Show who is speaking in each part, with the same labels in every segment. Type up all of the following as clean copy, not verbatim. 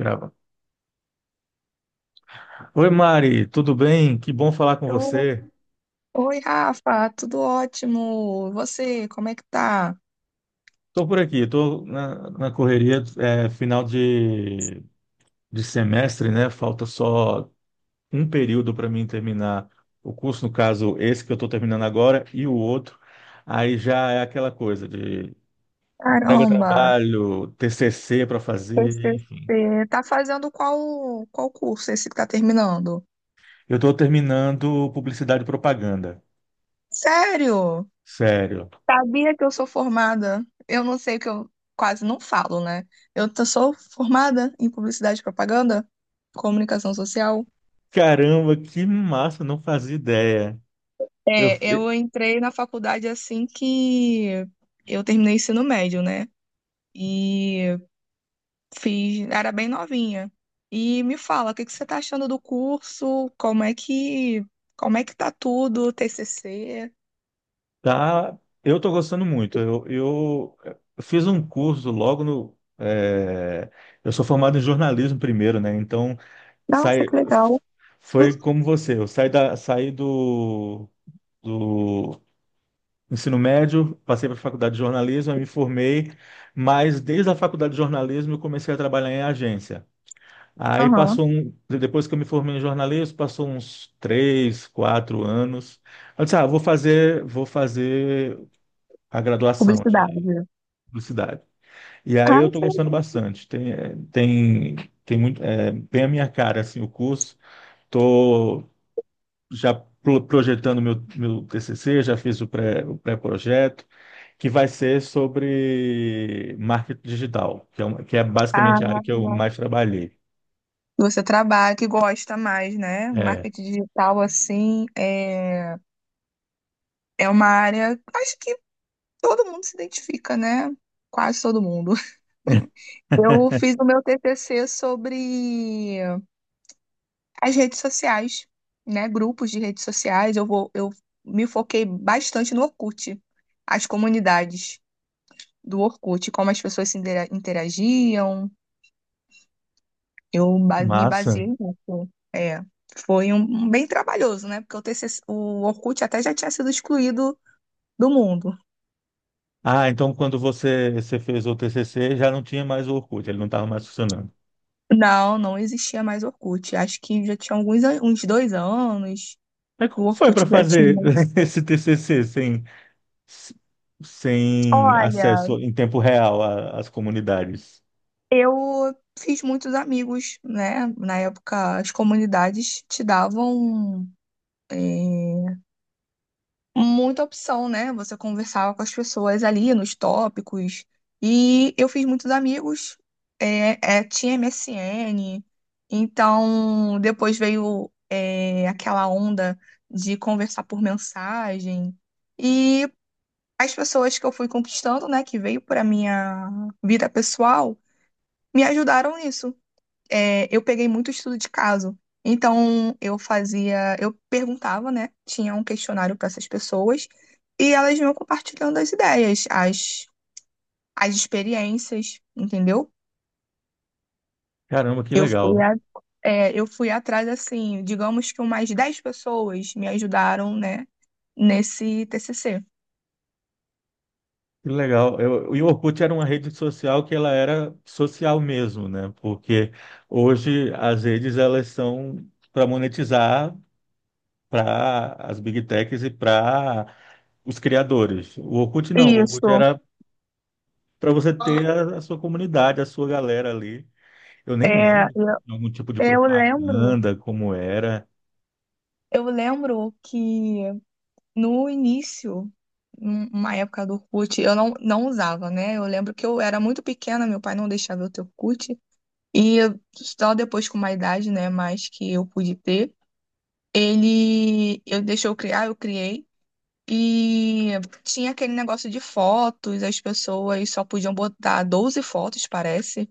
Speaker 1: Grava. Oi, Mari, tudo bem? Que bom falar com
Speaker 2: Eu-
Speaker 1: você.
Speaker 2: Oi, Rafa, tudo ótimo? Você, como é que tá?
Speaker 1: Estou por aqui, estou na correria, final de semestre, né? Falta só um período para mim terminar o curso, no caso, esse que eu estou terminando agora e o outro. Aí já é aquela coisa de entrega
Speaker 2: Caramba,
Speaker 1: trabalho, TCC para fazer, enfim.
Speaker 2: TCC. Tá fazendo qual curso esse que tá terminando?
Speaker 1: Eu estou terminando publicidade e propaganda,
Speaker 2: Sério?
Speaker 1: sério.
Speaker 2: Sabia que eu sou formada? Eu não sei o que eu quase não falo, né? Sou formada em publicidade e propaganda, comunicação social.
Speaker 1: Caramba, que massa, não fazia ideia. Eu,
Speaker 2: É, eu entrei na faculdade assim que eu terminei o ensino médio, né? E Fiz, era bem novinha. E me fala, o que que você tá achando do curso? Como é que tá tudo, TCC?
Speaker 1: Tá, eu estou gostando muito. Eu fiz um curso logo no. Eu sou formado em jornalismo primeiro, né? Então
Speaker 2: Nossa,
Speaker 1: sai,
Speaker 2: que legal.
Speaker 1: foi como você. Eu saí saí do ensino médio, passei para a faculdade de jornalismo, aí me formei, mas desde a faculdade de jornalismo eu comecei a trabalhar em agência. Aí
Speaker 2: Aham.
Speaker 1: passou um, depois que eu me formei em jornalismo, passou uns três, quatro anos. Eu disse, ah, vou fazer a graduação.
Speaker 2: Publicidade.
Speaker 1: Publicidade. E aí
Speaker 2: Ah,
Speaker 1: eu estou
Speaker 2: que
Speaker 1: gostando
Speaker 2: legal.
Speaker 1: bastante. Tem muito, é, bem a minha cara assim o curso. Estou já projetando meu TCC, já fiz o pré-projeto, que vai ser sobre marketing digital, que é uma, que é basicamente a área
Speaker 2: Ah,
Speaker 1: que eu mais trabalhei.
Speaker 2: você trabalha, que gosta mais, né?
Speaker 1: É,
Speaker 2: Marketing digital, assim, é uma área, acho que todo mundo se identifica, né? Quase todo mundo. Eu fiz o meu TCC sobre as redes sociais, né? Grupos de redes sociais. Eu me foquei bastante no Orkut, as comunidades do Orkut, como as pessoas se interagiam. Eu
Speaker 1: que
Speaker 2: ba- me
Speaker 1: massa.
Speaker 2: baseei nisso. É, foi um bem trabalhoso, né? Porque o TCC, o Orkut até já tinha sido excluído do mundo.
Speaker 1: Ah, então quando você fez o TCC, já não tinha mais o Orkut, ele não estava mais funcionando.
Speaker 2: Não, não existia mais Orkut. Acho que já tinha uns 2 anos.
Speaker 1: Mas
Speaker 2: O
Speaker 1: como foi
Speaker 2: Orkut
Speaker 1: para
Speaker 2: já
Speaker 1: fazer
Speaker 2: tinha.
Speaker 1: esse TCC s- sem
Speaker 2: Olha,
Speaker 1: acesso em tempo real às comunidades.
Speaker 2: eu fiz muitos amigos, né? Na época, as comunidades te davam é, muita opção, né? Você conversava com as pessoas ali nos tópicos. E eu fiz muitos amigos, tinha MSN. Então, depois veio aquela onda de conversar por mensagem. E as pessoas que eu fui conquistando, né? Que veio para minha vida pessoal, me ajudaram nisso. É, eu peguei muito estudo de caso. Então, eu fazia, eu perguntava, né? Tinha um questionário para essas pessoas e elas iam compartilhando as ideias, as experiências, entendeu?
Speaker 1: Caramba, que
Speaker 2: Eu fui,
Speaker 1: legal.
Speaker 2: a- eu fui atrás, assim, digamos que umas 10 pessoas me ajudaram, né, nesse TCC.
Speaker 1: Que legal. Eu, e o Orkut era uma rede social que ela era social mesmo, né? Porque hoje as redes elas são para monetizar para as big techs e para os criadores. O Orkut não, o Orkut
Speaker 2: Isso.
Speaker 1: era para você ter a sua comunidade, a sua galera ali. Eu nem
Speaker 2: É,
Speaker 1: lembro de algum tipo de
Speaker 2: eu lembro,
Speaker 1: propaganda, como era.
Speaker 2: eu lembro que no início, numa época do Orkut, eu não usava, né? Eu lembro que eu era muito pequena, meu pai não deixava eu ter Orkut. Só depois com uma idade, né, mais que eu pude ter, ele eu deixou eu criar, eu criei. E tinha aquele negócio de fotos, as pessoas só podiam botar 12 fotos, parece.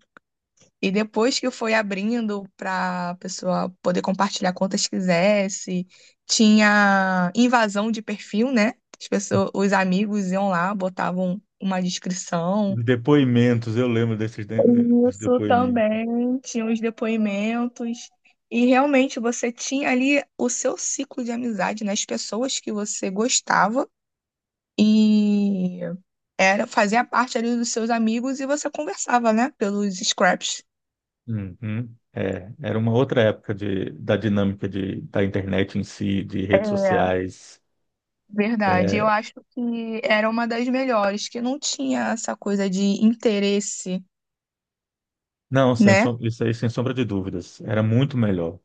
Speaker 2: E depois que foi abrindo para a pessoa poder compartilhar quantas quisesse, tinha invasão de perfil, né? As pessoas, os amigos iam lá, botavam uma descrição.
Speaker 1: Os depoimentos, eu lembro dos
Speaker 2: Isso
Speaker 1: depoimentos.
Speaker 2: também, tinha os depoimentos. E realmente você tinha ali o seu ciclo de amizade, né? As pessoas que você gostava e era fazia parte ali dos seus amigos e você conversava, né? Pelos scraps.
Speaker 1: Uhum. É, era uma outra época da dinâmica da internet em si, de redes
Speaker 2: É,
Speaker 1: sociais.
Speaker 2: verdade, eu
Speaker 1: É,
Speaker 2: acho que era uma das melhores, que não tinha essa coisa de interesse,
Speaker 1: não, sem,
Speaker 2: né?
Speaker 1: som- isso aí, sem sombra de dúvidas. Era muito melhor.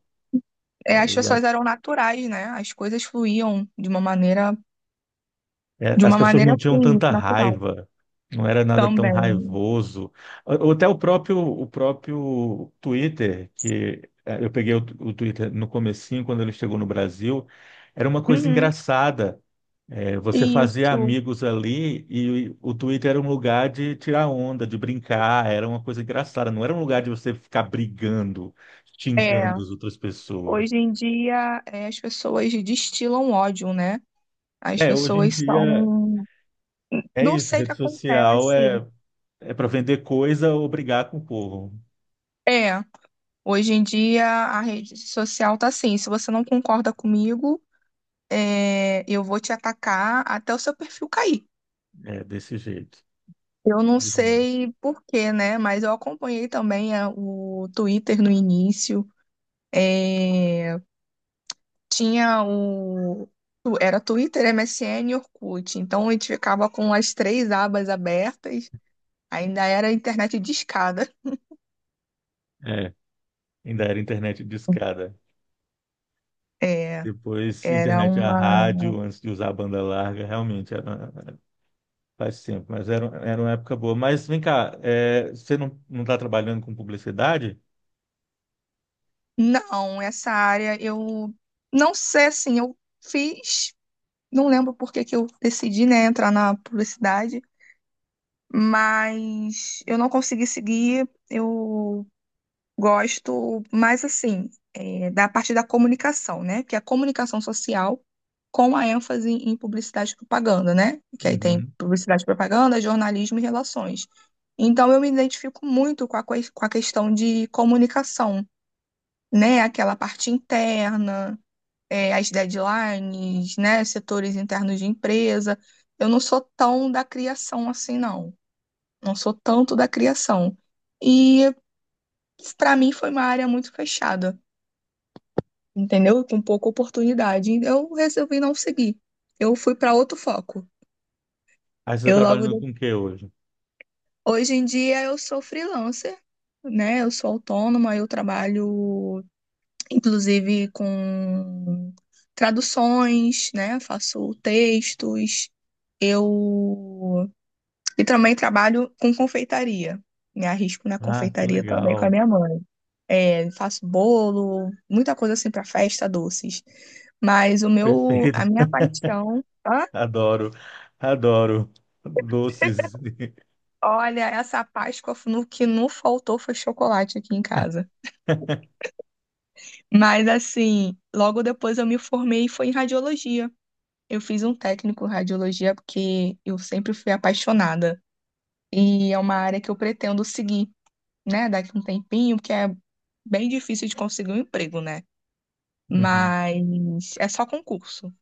Speaker 2: É, as
Speaker 1: É, e a-
Speaker 2: pessoas eram naturais, né? As coisas fluíam de uma maneira,
Speaker 1: É,
Speaker 2: de
Speaker 1: as
Speaker 2: uma
Speaker 1: pessoas não
Speaker 2: maneira
Speaker 1: tinham
Speaker 2: assim,
Speaker 1: tanta
Speaker 2: natural
Speaker 1: raiva, não era nada tão
Speaker 2: também.
Speaker 1: raivoso. Ou até o próprio Twitter, que é, eu peguei o Twitter no comecinho, quando ele chegou no Brasil, era uma coisa
Speaker 2: Uhum,
Speaker 1: engraçada. É, você fazia
Speaker 2: isso.
Speaker 1: amigos ali e o Twitter era um lugar de tirar onda, de brincar, era uma coisa engraçada, não era um lugar de você ficar brigando,
Speaker 2: É,
Speaker 1: xingando as outras pessoas.
Speaker 2: hoje em dia as pessoas destilam ódio, né? As
Speaker 1: É, hoje em
Speaker 2: pessoas
Speaker 1: dia
Speaker 2: são.
Speaker 1: é
Speaker 2: Não
Speaker 1: isso,
Speaker 2: sei o que acontece.
Speaker 1: é para vender coisa ou brigar com o povo.
Speaker 2: É, hoje em dia a rede social tá assim, se você não concorda comigo. Eu vou te atacar até o seu perfil cair.
Speaker 1: É desse jeito.
Speaker 2: Eu não
Speaker 1: Infelizmente.
Speaker 2: sei por quê, né? Mas eu acompanhei também a o Twitter no início. É, tinha o. Era Twitter, MSN e Orkut. Então a gente ficava com as três abas abertas. Ainda era internet discada.
Speaker 1: É, ainda era internet discada.
Speaker 2: É,
Speaker 1: Depois
Speaker 2: era
Speaker 1: internet a
Speaker 2: uma.
Speaker 1: rádio, antes de usar a banda larga, realmente era. Faz tempo, mas era uma época boa. Mas vem cá, é, você não, não está trabalhando com publicidade?
Speaker 2: Não, essa área eu não sei assim, eu fiz. Não lembro por que que eu decidi, né, entrar na publicidade. Mas eu não consegui seguir. Eu gosto mais assim, da parte da comunicação, né? Que é a comunicação social com a ênfase em publicidade e propaganda, né? Que aí tem
Speaker 1: Uhum.
Speaker 2: publicidade e propaganda, jornalismo e relações. Então eu me identifico muito com a questão de comunicação, né? Aquela parte interna, as deadlines, né? Setores internos de empresa. Eu não sou tão da criação assim, não. Não sou tanto da criação. E para mim foi uma área muito fechada, entendeu? Com pouca oportunidade. Eu resolvi não seguir. Eu fui para outro foco.
Speaker 1: Aí você está
Speaker 2: Eu logo
Speaker 1: trabalhando
Speaker 2: de-
Speaker 1: com o que hoje?
Speaker 2: hoje em dia eu sou freelancer, né? Eu sou autônoma, eu trabalho inclusive com traduções, né? Faço textos. Eu E também trabalho com confeitaria. Me arrisco na
Speaker 1: Ah, que
Speaker 2: confeitaria também com a
Speaker 1: legal.
Speaker 2: minha mãe. É, faço bolo, muita coisa assim para festa, doces. Mas o meu,
Speaker 1: Perfeito.
Speaker 2: a minha paixão. Hã?
Speaker 1: Adoro, adoro doces.
Speaker 2: Olha, essa Páscoa no que não faltou foi chocolate aqui em casa. Mas assim, logo depois eu me formei e foi em radiologia. Eu fiz um técnico em radiologia porque eu sempre fui apaixonada e é uma área que eu pretendo seguir, né, daqui a um tempinho, porque é bem difícil de conseguir um emprego, né?
Speaker 1: Uhum.
Speaker 2: Mas é só concurso.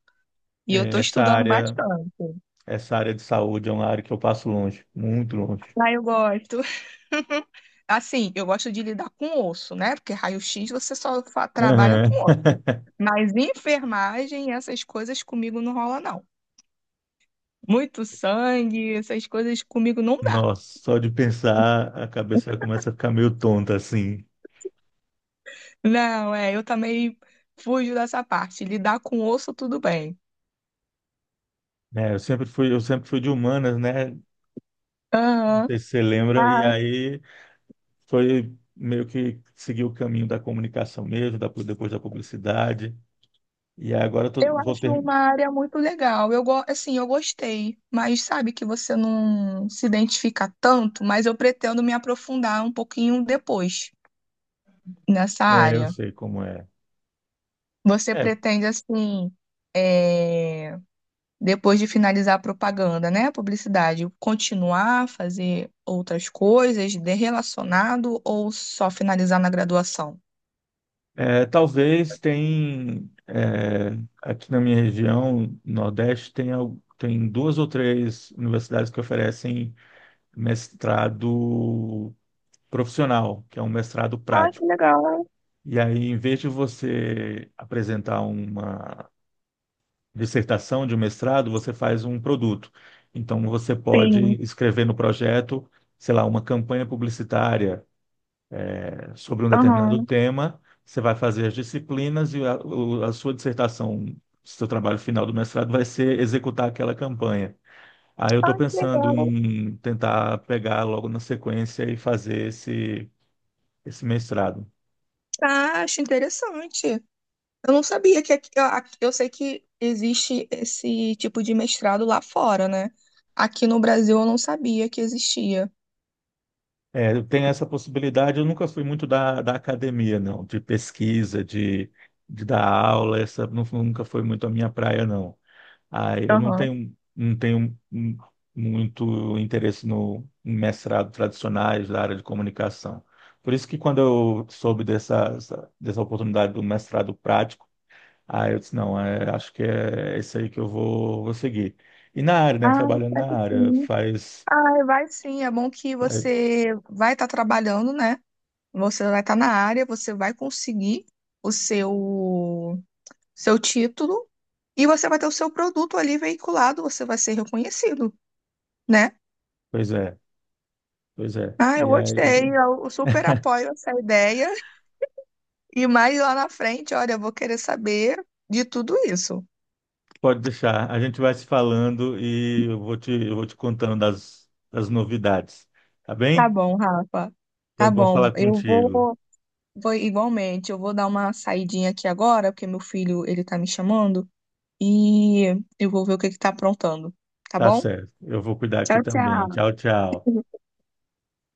Speaker 2: E eu tô
Speaker 1: É, essa
Speaker 2: estudando
Speaker 1: área,
Speaker 2: bastante.
Speaker 1: Essa área de saúde é uma área que eu passo longe, muito longe.
Speaker 2: Ah, eu gosto. Assim, eu gosto de lidar com osso, né? Porque raio-x você só trabalha
Speaker 1: Aham.
Speaker 2: com osso. Mas enfermagem, essas coisas comigo não rola, não. Muito sangue, essas coisas comigo não dá.
Speaker 1: Nossa, só de pensar, a cabeça começa a ficar meio tonta assim.
Speaker 2: Não, eu também fujo dessa parte. Lidar com osso, tudo bem.
Speaker 1: Né? Eu sempre fui de humanas, né? Não
Speaker 2: Aham.
Speaker 1: sei se você lembra. E aí foi meio que seguir o caminho da comunicação mesmo, depois da publicidade. E agora eu
Speaker 2: Eu
Speaker 1: vou
Speaker 2: acho
Speaker 1: ter.
Speaker 2: uma área muito legal. Eu gostei, mas sabe que você não se identifica tanto, mas eu pretendo me aprofundar um pouquinho depois nessa
Speaker 1: É, eu
Speaker 2: área.
Speaker 1: sei como é.
Speaker 2: Você
Speaker 1: É,
Speaker 2: pretende, assim, é, depois de finalizar a propaganda, né, publicidade, continuar a fazer outras coisas de relacionado ou só finalizar na graduação?
Speaker 1: Talvez tem. Aqui na minha região, Nordeste, tem duas ou três universidades que oferecem mestrado profissional, que é um mestrado
Speaker 2: Ah, que
Speaker 1: prático.
Speaker 2: legal.
Speaker 1: E aí, em vez de você apresentar uma dissertação, de um mestrado, você faz um produto. Então, você
Speaker 2: Sim.
Speaker 1: pode escrever no projeto, sei lá, uma campanha publicitária sobre um determinado
Speaker 2: Aham.
Speaker 1: tema. Você vai fazer as disciplinas e a sua dissertação, seu trabalho final do mestrado vai ser executar aquela campanha. Aí eu estou pensando
Speaker 2: Legal.
Speaker 1: em tentar pegar logo na sequência e fazer esse mestrado.
Speaker 2: Ah, acho interessante. Eu não sabia que aqui, aqui- eu sei que existe esse tipo de mestrado lá fora, né? Aqui no Brasil eu não sabia que existia.
Speaker 1: É, tem essa possibilidade. Eu nunca fui muito da academia, não, de pesquisa, de dar aula, nunca foi muito a minha praia, não. Ah, eu não
Speaker 2: Aham.
Speaker 1: tenho, muito interesse no em mestrado tradicionais da área de comunicação. Por isso que quando eu soube dessa oportunidade do mestrado prático, ah eu disse, não, é, acho que é isso aí que eu vou seguir. E na área, né,
Speaker 2: Ah,
Speaker 1: trabalhando na
Speaker 2: deve
Speaker 1: área,
Speaker 2: sim. Ah, vai sim. É bom que
Speaker 1: faz,
Speaker 2: você vai estar trabalhando, né? Você vai estar na área, você vai conseguir o seu título e você vai ter o seu produto ali veiculado, você vai ser reconhecido, né?
Speaker 1: pois pois é.
Speaker 2: Ah, eu
Speaker 1: E
Speaker 2: gostei.
Speaker 1: aí
Speaker 2: Eu super apoio essa ideia. E mais lá na frente, olha, eu vou querer saber de tudo isso.
Speaker 1: pode deixar. A gente vai se falando e eu vou te contando das novidades. Tá
Speaker 2: Tá
Speaker 1: bem?
Speaker 2: bom, Rafa.
Speaker 1: Foi
Speaker 2: Tá
Speaker 1: bom
Speaker 2: bom.
Speaker 1: falar
Speaker 2: Eu
Speaker 1: contigo.
Speaker 2: vou, vou igualmente, eu vou dar uma saidinha aqui agora, porque meu filho, ele tá me chamando, e eu vou ver o que que tá aprontando. Tá
Speaker 1: Tá
Speaker 2: bom?
Speaker 1: certo. Eu vou cuidar aqui
Speaker 2: Tchau,
Speaker 1: também.
Speaker 2: tchau.
Speaker 1: Tchau, tchau.